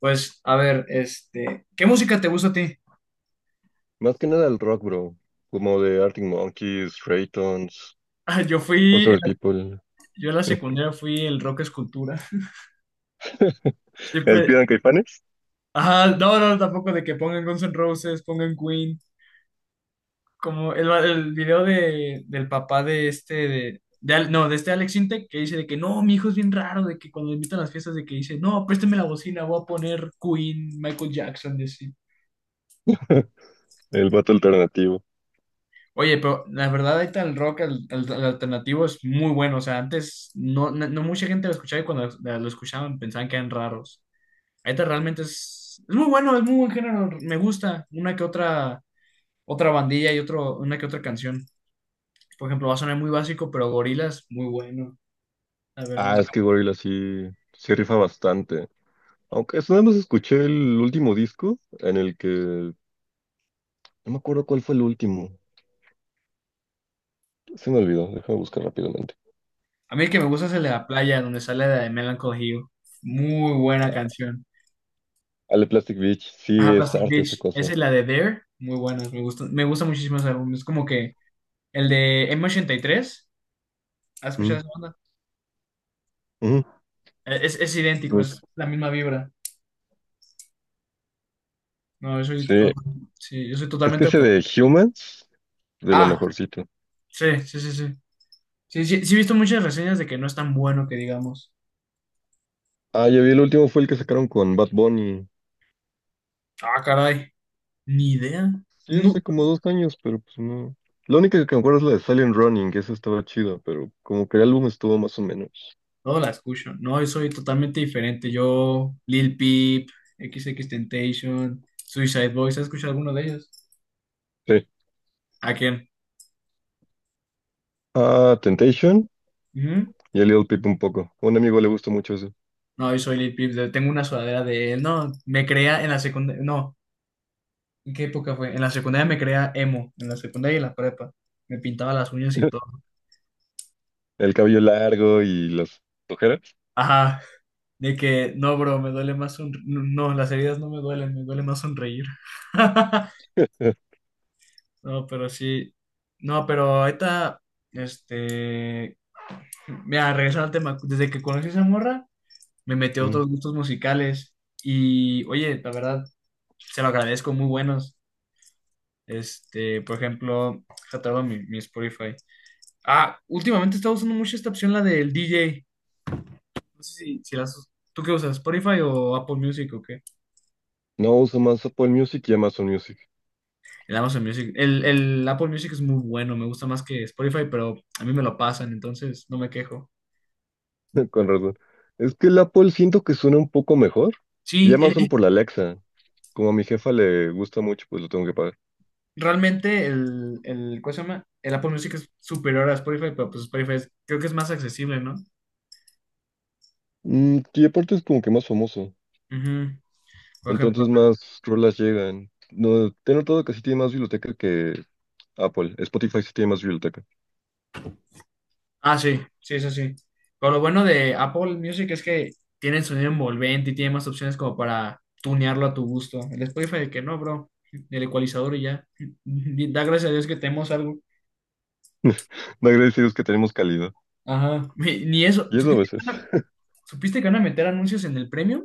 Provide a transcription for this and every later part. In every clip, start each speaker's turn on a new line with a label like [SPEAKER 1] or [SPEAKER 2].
[SPEAKER 1] Pues, a ver, ¿qué música te gusta a ti?
[SPEAKER 2] Más que nada el rock, bro. Como de Arctic Monkeys, Raytons,
[SPEAKER 1] Ah, Yo fui,
[SPEAKER 2] Foster People.
[SPEAKER 1] yo en la secundaria fui el rock escultura.
[SPEAKER 2] ¿El
[SPEAKER 1] Siempre,
[SPEAKER 2] Pidan Caifanes?
[SPEAKER 1] ajá, no, no, tampoco de que pongan Guns N' Roses, pongan Queen, como el video del papá de este Alex Intec, que dice de que no, mi hijo es bien raro, de que cuando lo invitan a las fiestas, de que dice, no, préstame la bocina, voy a poner Queen, Michael Jackson, y así.
[SPEAKER 2] El vato alternativo.
[SPEAKER 1] Oye, pero la verdad ahorita el rock, el alternativo es muy bueno. O sea, antes no, no, no mucha gente lo escuchaba y cuando lo escuchaban pensaban que eran raros. Ahorita realmente es muy bueno, es muy buen género. Me gusta otra bandilla y una que otra canción. Por ejemplo, va a sonar muy básico, pero Gorillaz, muy bueno, la verdad.
[SPEAKER 2] Ah, es que Gorilla sí, sí rifa bastante. Aunque eso nada más escuché el último disco en el que. No me acuerdo cuál fue el último. Se me olvidó, déjame buscar rápidamente.
[SPEAKER 1] A mí el que me gusta es el de la playa, donde sale la de Melancholy Hill. Muy buena canción.
[SPEAKER 2] Ale de Plastic Beach, sí
[SPEAKER 1] Ajá,
[SPEAKER 2] es
[SPEAKER 1] Plastic
[SPEAKER 2] arte esa
[SPEAKER 1] Beach. Esa
[SPEAKER 2] cosa.
[SPEAKER 1] es la de There. Muy buena, me gusta muchísimo ese álbum. Es como que el de M83. ¿Has escuchado
[SPEAKER 2] Mm,
[SPEAKER 1] esa banda?
[SPEAKER 2] mm,
[SPEAKER 1] Es idéntico,
[SPEAKER 2] mm.
[SPEAKER 1] es la misma vibra. No,
[SPEAKER 2] Sí,
[SPEAKER 1] sí, yo soy
[SPEAKER 2] es que
[SPEAKER 1] totalmente al
[SPEAKER 2] ese de
[SPEAKER 1] contrario.
[SPEAKER 2] Humans, de lo
[SPEAKER 1] Ah,
[SPEAKER 2] mejorcito.
[SPEAKER 1] sí, sí, sí, sí. Sí, sí, sí he visto muchas reseñas de que no es tan bueno que digamos.
[SPEAKER 2] Ah, ya vi, el último fue el que sacaron con Bad Bunny.
[SPEAKER 1] Ah, caray, ni idea.
[SPEAKER 2] Sí,
[SPEAKER 1] No,
[SPEAKER 2] hace como 2 años, pero pues no. La única que me acuerdo es la de Silent Running, que esa estaba chida, pero como que el álbum estuvo más o menos.
[SPEAKER 1] no la escucho. No, yo soy totalmente diferente. Yo, Lil Peep, XXXTentacion, Suicide Boys, ¿has escuchado alguno de ellos?
[SPEAKER 2] Sí.
[SPEAKER 1] ¿A quién?
[SPEAKER 2] Ah, Temptation
[SPEAKER 1] Ujú.
[SPEAKER 2] y a Little Peep un poco. A un amigo le gustó mucho eso.
[SPEAKER 1] No, yo soy Lil Peep, de- tengo una sudadera de él. No, me crea en la secundaria. No, ¿en qué época fue? En la secundaria me creía emo, en la secundaria y en la prepa. Me pintaba las uñas y todo.
[SPEAKER 2] El cabello largo y las ojeras.
[SPEAKER 1] Ajá, de que, no, bro, me duele más sonreír. No, no, las heridas no me duelen, me duele más sonreír. No, pero sí. No, pero ahorita, este, mira, regresando al tema, desde que conocí a esa morra, me metió a
[SPEAKER 2] Mm.
[SPEAKER 1] otros gustos musicales y, oye, la verdad, se lo agradezco, muy buenos. Por ejemplo, se mi, mi Spotify. Ah, últimamente he estado usando mucho esta opción, la del DJ. No sé si, si la usas. ¿Tú qué usas? ¿Spotify o Apple Music o qué?
[SPEAKER 2] No uso más Apple Music y Amazon Music.
[SPEAKER 1] El Amazon Music. El Apple Music es muy bueno, me gusta más que Spotify, pero a mí me lo pasan, entonces no me quejo.
[SPEAKER 2] Con razón. Es que el Apple siento que suena un poco mejor. Y
[SPEAKER 1] Sí,
[SPEAKER 2] Amazon por la Alexa. Como a mi jefa le gusta mucho, pues lo tengo que pagar.
[SPEAKER 1] realmente ¿cómo se llama? El Apple Music es superior a Spotify, pero pues Spotify es- creo que es más accesible, ¿no?
[SPEAKER 2] Y aparte es como que más famoso.
[SPEAKER 1] Ujú. Por ejemplo,
[SPEAKER 2] Entonces más rolas llegan. No, te he notado que sí tiene más biblioteca que Apple. Spotify sí tiene más biblioteca.
[SPEAKER 1] ah, sí, sí, eso sí. Pero lo bueno de Apple Music es que tiene sonido envolvente y tiene más opciones como para tunearlo a tu gusto. El Spotify de que no, bro. El ecualizador y ya. Da gracias a Dios que tenemos algo.
[SPEAKER 2] No agradecidos que tenemos calidad.
[SPEAKER 1] Ajá. Ni ni eso.
[SPEAKER 2] Y eso a veces.
[SPEAKER 1] ¿Supiste que van a meter anuncios en el premium?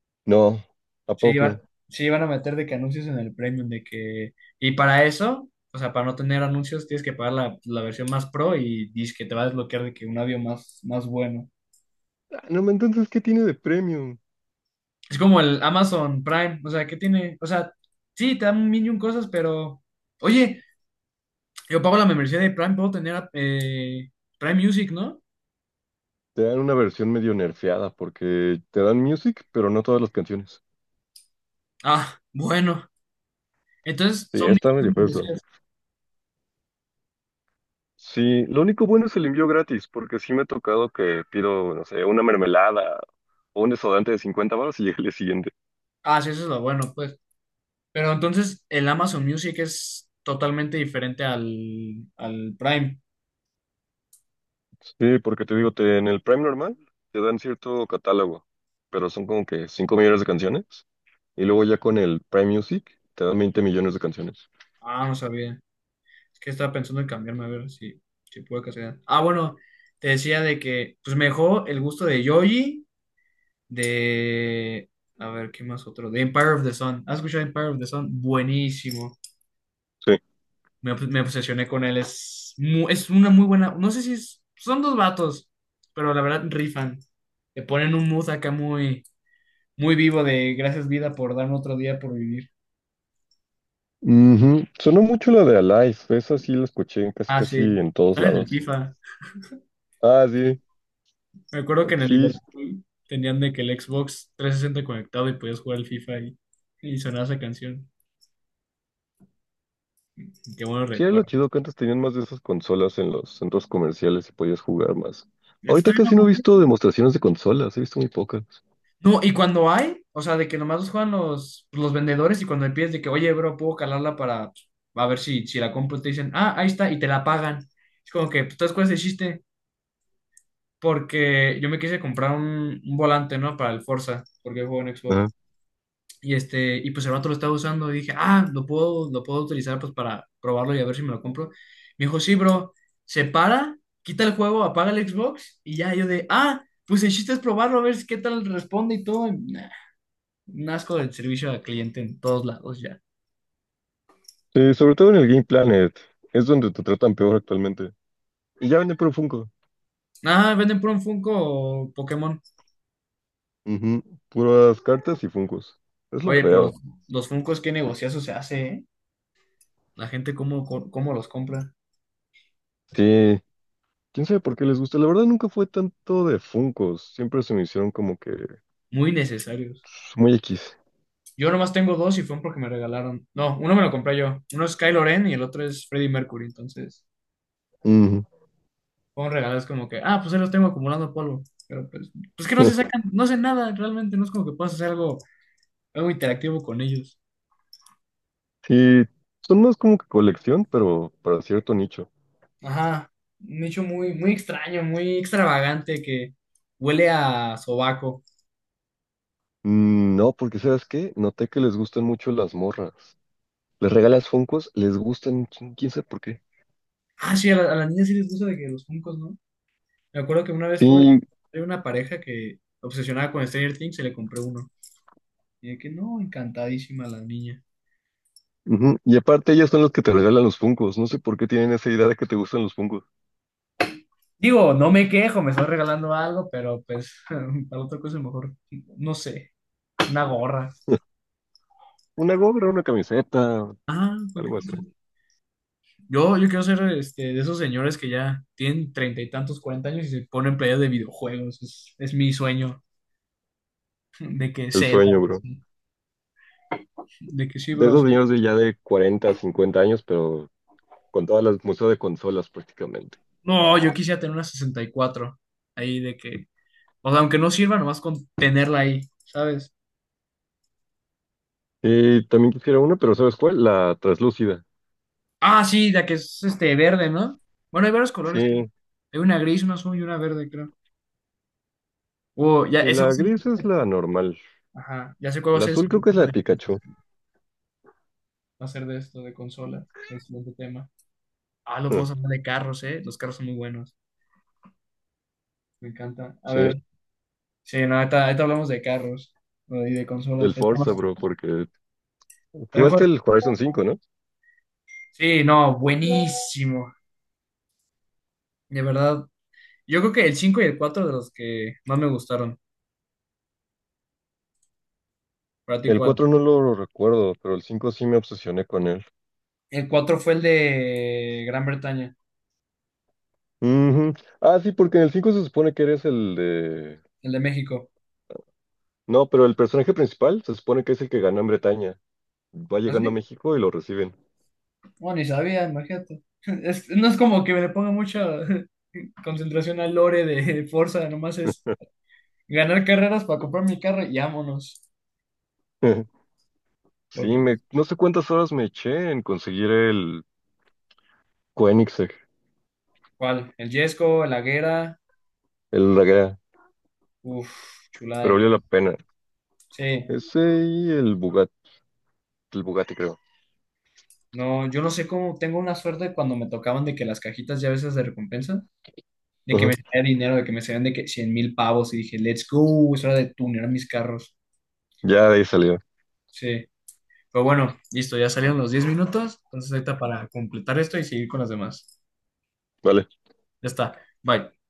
[SPEAKER 2] No, ¿a
[SPEAKER 1] Sí, va-
[SPEAKER 2] poco?
[SPEAKER 1] sí, van a meter de que anuncios en el premium, de que... Y para eso, o sea, para no tener anuncios, tienes que pagar la versión más pro y dice que te va a desbloquear de que un audio más, más bueno.
[SPEAKER 2] Ah, no, ma, entonces, ¿qué tiene de premium?
[SPEAKER 1] Es como el Amazon Prime, o sea, ¿qué tiene? O sea, sí, te dan un millón cosas, pero... Oye, yo pago la membresía de Prime, puedo tener Prime Music, ¿no?
[SPEAKER 2] Te dan una versión medio nerfeada porque te dan music, pero no todas las canciones.
[SPEAKER 1] Ah, bueno. Entonces,
[SPEAKER 2] Sí,
[SPEAKER 1] son
[SPEAKER 2] está medio
[SPEAKER 1] distintas
[SPEAKER 2] feo eso.
[SPEAKER 1] membresías.
[SPEAKER 2] Sí, lo único bueno es el envío gratis, porque sí me ha tocado que pido, no sé, una mermelada o un desodorante de 50 baros y llega el día siguiente.
[SPEAKER 1] Ah, sí, eso es lo bueno, pues. Pero entonces, el Amazon Music es totalmente diferente al Prime.
[SPEAKER 2] Sí, porque te digo, en el Prime normal te dan cierto catálogo, pero son como que 5 millones de canciones. Y luego ya con el Prime Music te dan 20 millones de canciones.
[SPEAKER 1] Ah, no sabía. Es que estaba pensando en cambiarme, a ver si, si puedo casar. Ah, bueno, te decía de que, pues, mejor el gusto de Yoyi de. A ver, ¿qué más otro? De Empire of the Sun. ¿Has escuchado Empire of the Sun? Buenísimo.
[SPEAKER 2] Sí.
[SPEAKER 1] Me obsesioné con él. Es una muy buena. No sé si es- son dos vatos, pero la verdad rifan. Le ponen un mood acá muy, muy vivo de gracias vida por darme otro día por vivir.
[SPEAKER 2] Ujú. Sonó mucho la de Alive, esa sí la escuché en casi
[SPEAKER 1] Ah,
[SPEAKER 2] casi
[SPEAKER 1] sí.
[SPEAKER 2] en todos
[SPEAKER 1] Están en el
[SPEAKER 2] lados.
[SPEAKER 1] FIFA.
[SPEAKER 2] Ah, sí,
[SPEAKER 1] Me acuerdo que en
[SPEAKER 2] aunque
[SPEAKER 1] el
[SPEAKER 2] sí.
[SPEAKER 1] Liverpool tenían de que el Xbox 360 conectado y podías jugar al FIFA y sonaba esa canción. Qué buenos
[SPEAKER 2] Sí, era lo chido
[SPEAKER 1] recuerdos.
[SPEAKER 2] que antes tenían más de esas consolas en los centros comerciales y podías jugar más.
[SPEAKER 1] Esto
[SPEAKER 2] Ahorita
[SPEAKER 1] está.
[SPEAKER 2] casi no he visto demostraciones de consolas, he visto muy pocas.
[SPEAKER 1] No, y cuando hay, o sea, de que nomás los juegan los vendedores y cuando le pides de que, oye, bro, puedo calarla para pues, a ver si, si la compro, te dicen, ah, ahí está, y te la pagan. Es como que, pues, ¿tú sabes cuál es el chiste? Porque yo me quise comprar un volante, ¿no? Para el Forza, porque juego en
[SPEAKER 2] Ajá.
[SPEAKER 1] Xbox. Y este, y pues el vato lo estaba usando y dije, ah, lo puedo utilizar pues para probarlo y a ver si me lo compro. Me dijo, sí, bro, se para, quita el juego, apaga el Xbox y ya yo de, ah, pues el chiste es probarlo, a ver qué tal responde y todo. Un asco del servicio al cliente en todos lados ya.
[SPEAKER 2] Sí, sobre todo en el Game Planet, es donde te tratan peor actualmente. Y ya venden puro Funko.
[SPEAKER 1] Ah, venden por un Funko o Pokémon.
[SPEAKER 2] Ujú, puras cartas y Funkos. Es lo
[SPEAKER 1] Oye, pero los,
[SPEAKER 2] feo.
[SPEAKER 1] los Funkos, qué negociazo se hace, ¿eh? La gente cómo los compra.
[SPEAKER 2] Sí, quién sabe por qué les gusta. La verdad nunca fue tanto de Funkos. Siempre se me hicieron como que pues,
[SPEAKER 1] Muy necesarios.
[SPEAKER 2] muy X.
[SPEAKER 1] Yo nomás tengo dos y fueron porque me regalaron. No, uno me lo compré yo. Uno es Kylo Ren y el otro es Freddie Mercury. Entonces,
[SPEAKER 2] Ujú.
[SPEAKER 1] fueron regalos como que, ah, pues ahí los tengo acumulando polvo. Pero pues, pues que no se sacan, no hacen nada realmente. No es como que puedas hacer algo, algo interactivo con ellos.
[SPEAKER 2] Sí, son más como que colección, pero para cierto nicho.
[SPEAKER 1] Ajá, un hecho muy, muy extraño, muy extravagante que huele a sobaco.
[SPEAKER 2] Mm, no, porque ¿sabes qué? Noté que les gustan mucho las morras. Les regalas Funkos, les gustan, quién sabe por qué.
[SPEAKER 1] Ah, sí, a las niñas sí les gusta de que los Funkos, ¿no? Me acuerdo que una vez tuve
[SPEAKER 2] Sí,
[SPEAKER 1] una pareja que obsesionada con Stranger Things se le compré uno. Y de que no, encantadísima la niña.
[SPEAKER 2] ujú, y aparte ellas son las que te regalan los Funkos. No sé por qué tienen esa idea de que te gustan los Funkos.
[SPEAKER 1] Digo, no me quejo, me estoy regalando algo, pero pues para otra cosa mejor, no sé, una gorra.
[SPEAKER 2] Una gorra, una camiseta,
[SPEAKER 1] Ah, cualquier
[SPEAKER 2] algo así.
[SPEAKER 1] cosa. Yo quiero ser de esos señores que ya tienen 30 y tantos, 40 años y se ponen playas de videojuegos. Es mi sueño. De que
[SPEAKER 2] El
[SPEAKER 1] Zelda,
[SPEAKER 2] sueño, bro.
[SPEAKER 1] sí. De que sí,
[SPEAKER 2] De esos
[SPEAKER 1] bros.
[SPEAKER 2] señores de ya de 40 50 años, pero con todas las museos de consolas prácticamente.
[SPEAKER 1] No, yo quisiera tener una 64. Ahí de que. O sea, aunque no sirva, nomás con tenerla ahí, ¿sabes?
[SPEAKER 2] Y también quisiera una, pero ¿sabes cuál? La traslúcida.
[SPEAKER 1] Ah, sí, la que es este verde, ¿no? Bueno, hay varios colores, creo.
[SPEAKER 2] Sí,
[SPEAKER 1] Hay una gris, una azul y una verde, creo. Oh, ya,
[SPEAKER 2] y
[SPEAKER 1] ese va a
[SPEAKER 2] la
[SPEAKER 1] ser.
[SPEAKER 2] gris es la normal.
[SPEAKER 1] Ajá, ya sé cuál va a
[SPEAKER 2] La
[SPEAKER 1] ser el
[SPEAKER 2] azul
[SPEAKER 1] siguiente
[SPEAKER 2] creo que es la
[SPEAKER 1] tema
[SPEAKER 2] de
[SPEAKER 1] de,
[SPEAKER 2] Pikachu.
[SPEAKER 1] va a ser de esto, de consolas. El siguiente tema. Ah, lo
[SPEAKER 2] Ah,
[SPEAKER 1] podemos hablar de carros, ¿eh? Los carros son muy buenos. Me encanta. A
[SPEAKER 2] sí,
[SPEAKER 1] ver, sí, no, ahorita, ahorita hablamos de carros. ¿No? Y de
[SPEAKER 2] del
[SPEAKER 1] consolas.
[SPEAKER 2] Forza, bro, porque jugaste
[SPEAKER 1] Ahorita-
[SPEAKER 2] el Horizon 5, ¿no?
[SPEAKER 1] sí, no, buenísimo. De verdad. Yo creo que el 5 y el 4 de los que más me gustaron. ¿Para ti
[SPEAKER 2] El
[SPEAKER 1] cuál?
[SPEAKER 2] cuatro no lo recuerdo, pero el 5 sí me obsesioné con él.
[SPEAKER 1] El 4 fue el de Gran Bretaña,
[SPEAKER 2] Ujú. Ah, sí, porque en el 5 se supone que eres el de...
[SPEAKER 1] el de México.
[SPEAKER 2] No, pero el personaje principal se supone que es el que ganó en Bretaña. Va llegando a
[SPEAKER 1] ¿Así?
[SPEAKER 2] México y lo reciben.
[SPEAKER 1] Bueno, ni sabía, imagínate. Es- no es como que me le ponga mucha concentración al lore de Forza, nomás es ganar carreras para comprar mi carro y vámonos. Porque,
[SPEAKER 2] Sí,
[SPEAKER 1] pues,
[SPEAKER 2] no sé cuántas horas me eché en conseguir el Koenigsegg,
[SPEAKER 1] ¿cuál? El Yesco, el Aguera,
[SPEAKER 2] el Daguerre,
[SPEAKER 1] uff, chulada
[SPEAKER 2] pero
[SPEAKER 1] de
[SPEAKER 2] valió la
[SPEAKER 1] carro.
[SPEAKER 2] pena.
[SPEAKER 1] Sí,
[SPEAKER 2] Ese y el Bugatti creo.
[SPEAKER 1] no, yo no sé cómo tengo una suerte cuando me tocaban de que las cajitas ya a veces de recompensa de que me
[SPEAKER 2] Ajá.
[SPEAKER 1] salía dinero, de que me salían de que 100.000 pavos y dije, let's go, es hora de tunear mis carros.
[SPEAKER 2] Ya de ahí salió.
[SPEAKER 1] Sí. Pero bueno, listo, ya salieron los 10 minutos, entonces ahorita para completar esto y seguir con las demás.
[SPEAKER 2] Vale.
[SPEAKER 1] Ya está, bye.